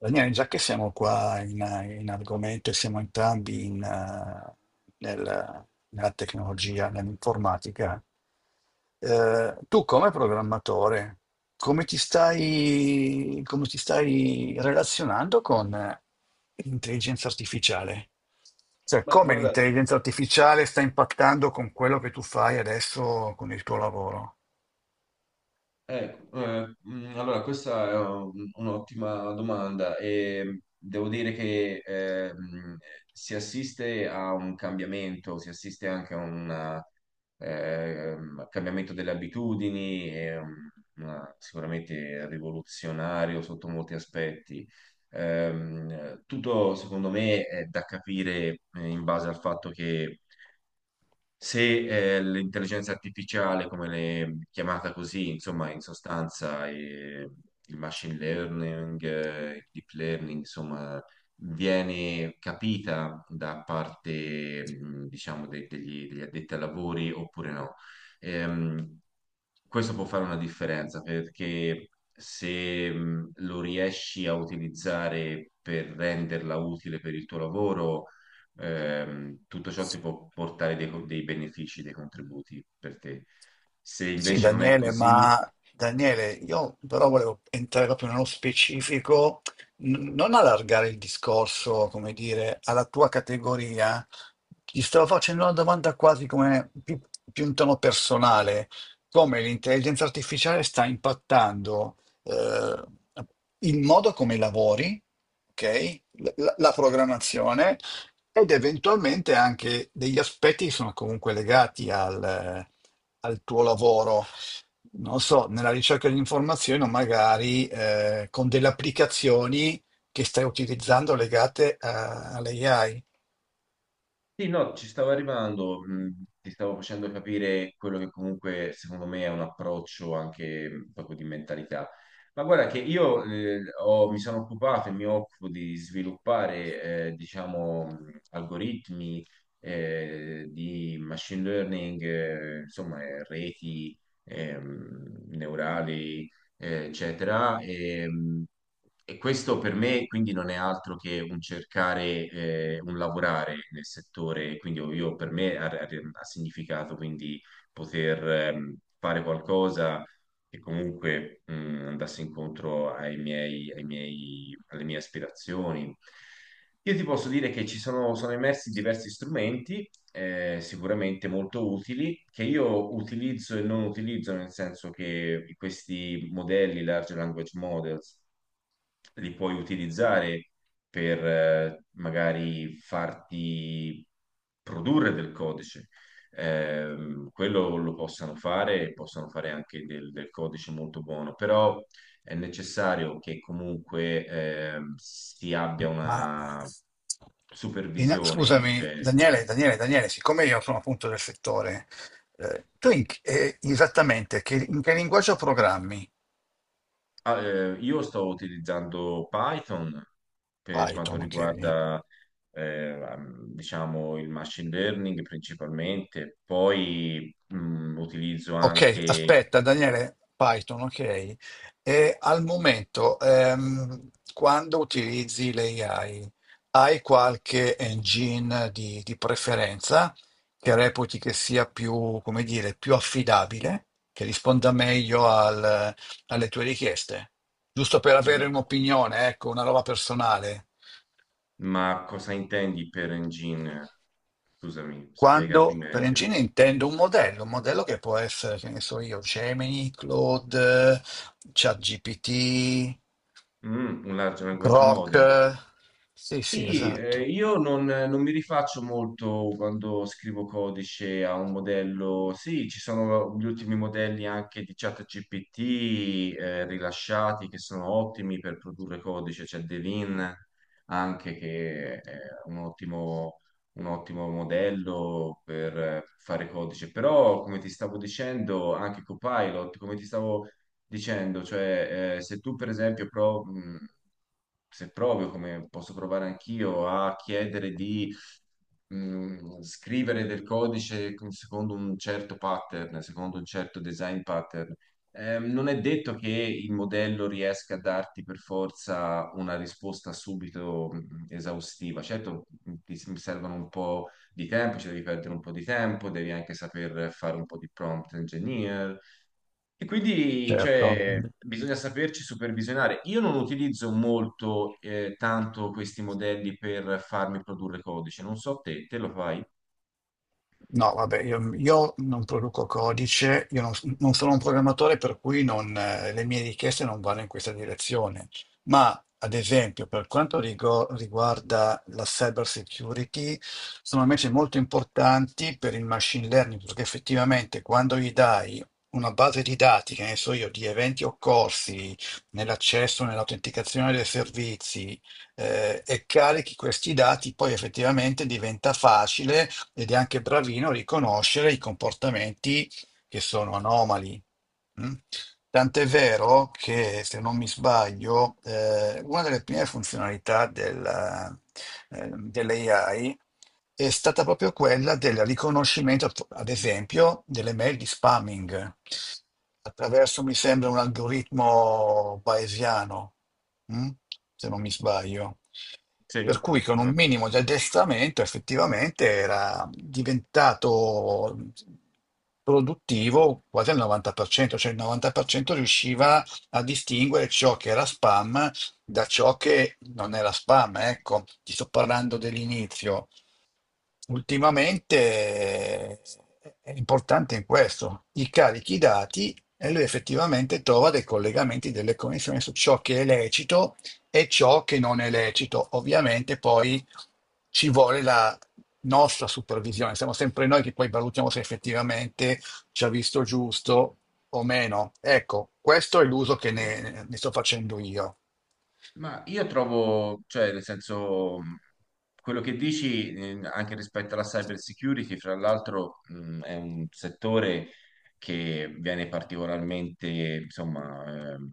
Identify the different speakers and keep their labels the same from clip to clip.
Speaker 1: Daniele, già che siamo qua in argomento e siamo entrambi in nella tecnologia, nell'informatica, tu come programmatore, come ti stai relazionando con l'intelligenza artificiale? Cioè,
Speaker 2: Beh,
Speaker 1: come
Speaker 2: guardate,
Speaker 1: l'intelligenza artificiale sta impattando con quello che tu fai adesso con il tuo lavoro?
Speaker 2: ecco, allora questa è un'ottima domanda e devo dire che si assiste a un cambiamento, si assiste anche a un cambiamento delle abitudini, e, sicuramente rivoluzionario sotto molti aspetti. Tutto secondo me è da capire in base al fatto che se l'intelligenza artificiale, come l'è chiamata così, insomma, in sostanza il machine learning, il deep learning, insomma, viene capita da parte, diciamo, degli addetti ai lavori oppure no. Ehm, Questo può fare una differenza perché se lo riesci a utilizzare per renderla utile per il tuo lavoro, tutto ciò ti può portare dei benefici, dei contributi per te. Se
Speaker 1: Sì,
Speaker 2: invece non è
Speaker 1: Daniele,
Speaker 2: così,
Speaker 1: ma Daniele, io però volevo entrare proprio nello specifico, non allargare il discorso, come dire, alla tua categoria. Ti stavo facendo una domanda più in tono personale, come l'intelligenza artificiale sta impattando eh, il modo come lavori, ok? La programmazione ed eventualmente anche degli aspetti che sono comunque legati al tuo lavoro. Non so, nella ricerca di informazioni o magari con delle applicazioni che stai utilizzando legate all'AI.
Speaker 2: sì, no, ci stavo arrivando, ti stavo facendo capire quello che comunque secondo me è un approccio anche proprio di mentalità. Ma guarda che io mi sono occupato e mi occupo di sviluppare, diciamo, algoritmi di machine learning, insomma, reti neurali, eccetera. E questo per me quindi non è altro che un cercare, un lavorare nel settore, quindi io, per me ha significato quindi poter fare qualcosa che comunque andasse incontro ai miei, alle mie aspirazioni. Io ti posso dire che sono emersi diversi strumenti sicuramente molto utili, che io utilizzo e non utilizzo, nel senso che questi modelli, large language models, li puoi utilizzare per magari farti produrre del codice. Quello lo possano fare, possono fare anche del codice molto buono, però è necessario che comunque si abbia
Speaker 1: Ma
Speaker 2: una supervisione,
Speaker 1: scusami,
Speaker 2: cioè.
Speaker 1: Daniele, siccome io sono appunto del settore, esattamente in che linguaggio programmi?
Speaker 2: Ah, io sto utilizzando Python per quanto
Speaker 1: Python, ok.
Speaker 2: riguarda, eh, diciamo, il machine learning principalmente, poi utilizzo
Speaker 1: Ok,
Speaker 2: anche...
Speaker 1: aspetta Daniele, Python, ok. E al momento, quando utilizzi l'AI, hai qualche engine di preferenza che reputi che sia più, come dire, più affidabile, che risponda meglio alle tue richieste? Giusto per avere
Speaker 2: Mm,
Speaker 1: un'opinione, ecco, una roba personale.
Speaker 2: ma cosa intendi per engine? Scusami, spiegati
Speaker 1: Quando per
Speaker 2: meglio.
Speaker 1: engine intendo un modello che può essere, che ne so io, Gemini, Claude, ChatGPT,
Speaker 2: Mm, un large language
Speaker 1: Grok.
Speaker 2: model.
Speaker 1: Sì, sì,
Speaker 2: Sì,
Speaker 1: esatto.
Speaker 2: io non mi rifaccio molto quando scrivo codice a un modello. Sì, ci sono gli ultimi modelli anche di ChatGPT rilasciati che sono ottimi per produrre codice. C'è Devin anche che è un ottimo, un ottimo modello per fare codice. Però, come ti stavo dicendo, anche Copilot, come ti stavo dicendo, cioè se tu per esempio se provi, come posso provare anch'io, a chiedere di scrivere del codice secondo un certo pattern, secondo un certo design pattern, non è detto che il modello riesca a darti per forza una risposta subito esaustiva. Certo, ti servono un po' di tempo, ci devi perdere un po' di tempo, devi anche saper fare un po' di prompt engineer, e quindi
Speaker 1: Certo.
Speaker 2: cioè, bisogna saperci supervisionare. Io non utilizzo molto tanto questi modelli per farmi produrre codice, non so te, te lo fai?
Speaker 1: No, vabbè, io non produco codice, io non, non sono un programmatore, per cui non, le mie richieste non vanno in questa direzione. Ma, ad esempio, per quanto riguarda la cyber security, sono invece molto importanti per il machine learning, perché effettivamente quando gli dai una base di dati, che ne so io, di eventi occorsi nell'accesso, nell'autenticazione dei servizi, e carichi questi dati, poi effettivamente diventa facile ed è anche bravino a riconoscere i comportamenti che sono anomali. Mm? Tant'è vero che, se non mi sbaglio, una delle prime funzionalità dell'AI è stata proprio quella del riconoscimento, ad esempio, delle mail di spamming attraverso, mi sembra, un algoritmo bayesiano, mm? Se non mi sbaglio. Per
Speaker 2: Sì,
Speaker 1: cui con un
Speaker 2: vabbè.
Speaker 1: minimo di addestramento effettivamente era diventato produttivo quasi al 90%, cioè il 90% riusciva a distinguere ciò che era spam da ciò che non era spam. Ecco, ti sto parlando dell'inizio. Ultimamente è importante in questo, gli carichi i dati e lui effettivamente trova dei collegamenti, delle connessioni su ciò che è lecito e ciò che non è lecito. Ovviamente poi ci vuole la nostra supervisione, siamo sempre noi che poi valutiamo se effettivamente ci ha visto giusto o meno. Ecco, questo è l'uso che ne sto facendo io.
Speaker 2: Ma io trovo, cioè, nel senso, quello che dici, anche rispetto alla cyber security, fra l'altro, è un settore che viene particolarmente, insomma,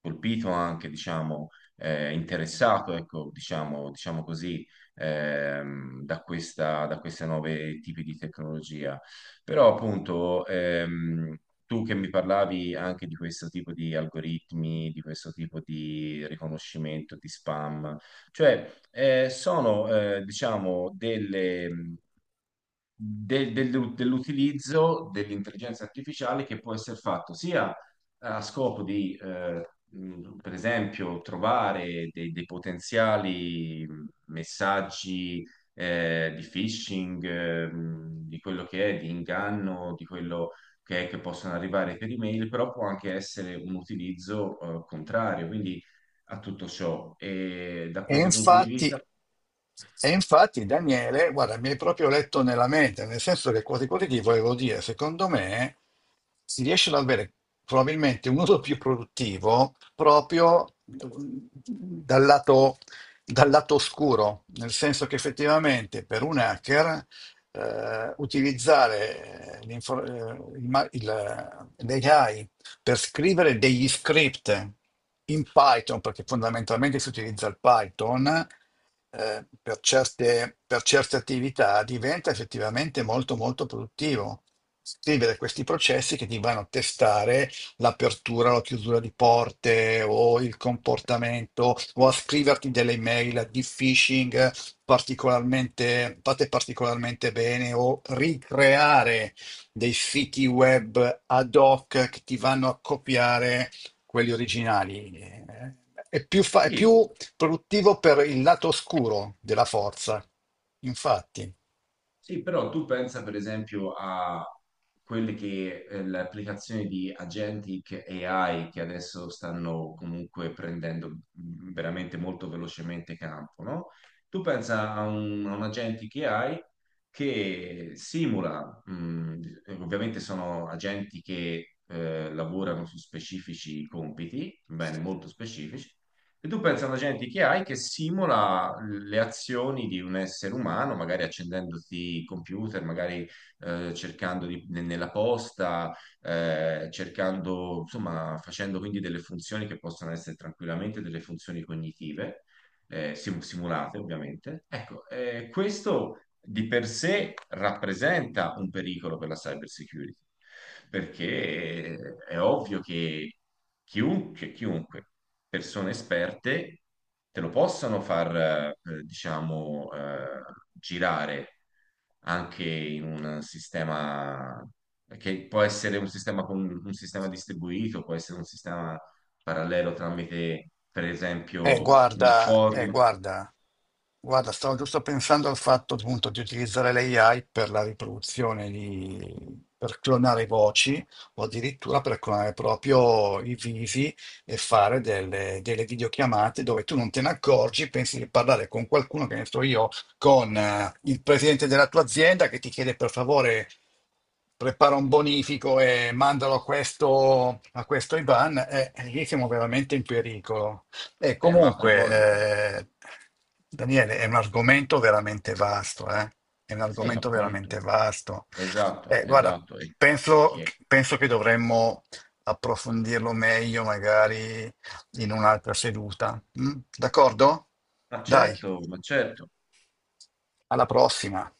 Speaker 2: colpito anche, diciamo, interessato, ecco, diciamo, diciamo così, da questa, da queste nuove tipi di tecnologia. Però, appunto, tu che mi parlavi anche di questo tipo di algoritmi, di questo tipo di riconoscimento di spam, cioè sono diciamo delle, dell'utilizzo dell'intelligenza artificiale che può essere fatto sia a scopo di, per esempio, trovare dei potenziali messaggi di phishing, di quello che è, di inganno, di quello, ok, che possono arrivare per email, però può anche essere un utilizzo contrario, quindi a tutto ciò. E da
Speaker 1: E
Speaker 2: questo punto di
Speaker 1: infatti
Speaker 2: vista,
Speaker 1: E infatti Daniele, guarda, mi hai proprio letto nella mente, nel senso che quasi quasi ti volevo dire, secondo me si riesce ad avere probabilmente un uso più produttivo proprio dal lato oscuro, nel senso che effettivamente per un hacker utilizzare l'ai per scrivere degli script in Python, perché fondamentalmente si utilizza il Python, per per certe attività diventa effettivamente molto molto produttivo. Scrivere questi processi che ti vanno a testare l'apertura o la chiusura di porte o il comportamento o a scriverti delle email di phishing fatte particolarmente bene o ricreare dei siti web ad hoc che ti vanno a copiare quelli originali. È
Speaker 2: sì,
Speaker 1: più produttivo per il lato oscuro della forza, infatti.
Speaker 2: sì, però tu pensa per esempio a quelle che le applicazioni di agentic AI che adesso stanno comunque prendendo veramente molto velocemente campo, no? Tu pensa a a un agentic AI che simula, ovviamente sono agenti che lavorano su specifici compiti, bene, molto specifici, e tu pensi alla gente che hai che simula le azioni di un essere umano, magari accendendoti il computer, magari cercando nella posta, cercando, insomma, facendo quindi delle funzioni che possono essere tranquillamente delle funzioni cognitive simulate ovviamente. Ecco, questo di per sé rappresenta un pericolo per la cyber security, perché è ovvio che chiunque, persone esperte, te lo possano far, diciamo, girare anche in un sistema che può essere un sistema, un sistema distribuito, può essere un sistema parallelo tramite, per
Speaker 1: Eh,
Speaker 2: esempio, un
Speaker 1: guarda, eh,
Speaker 2: forum.
Speaker 1: guarda, guarda, stavo giusto pensando al fatto appunto di utilizzare l'AI per la riproduzione di, per clonare voci o addirittura per clonare proprio i visi e fare delle videochiamate dove tu non te ne accorgi, pensi di parlare con qualcuno, che ne so io, con il presidente della tua azienda che ti chiede per favore prepara un bonifico e mandalo a questo Ivan, lì siamo veramente in pericolo. E
Speaker 2: Ma a proposito,
Speaker 1: comunque, eh, Daniele, è un argomento veramente vasto, eh? È un
Speaker 2: sì,
Speaker 1: argomento
Speaker 2: appunto,
Speaker 1: veramente vasto.
Speaker 2: esatto,
Speaker 1: Eh, guarda,
Speaker 2: esatto.
Speaker 1: penso,
Speaker 2: E-
Speaker 1: penso che dovremmo approfondirlo meglio, magari in un'altra seduta. Mm? D'accordo?
Speaker 2: ma
Speaker 1: Dai,
Speaker 2: certo, ma certo.
Speaker 1: alla prossima.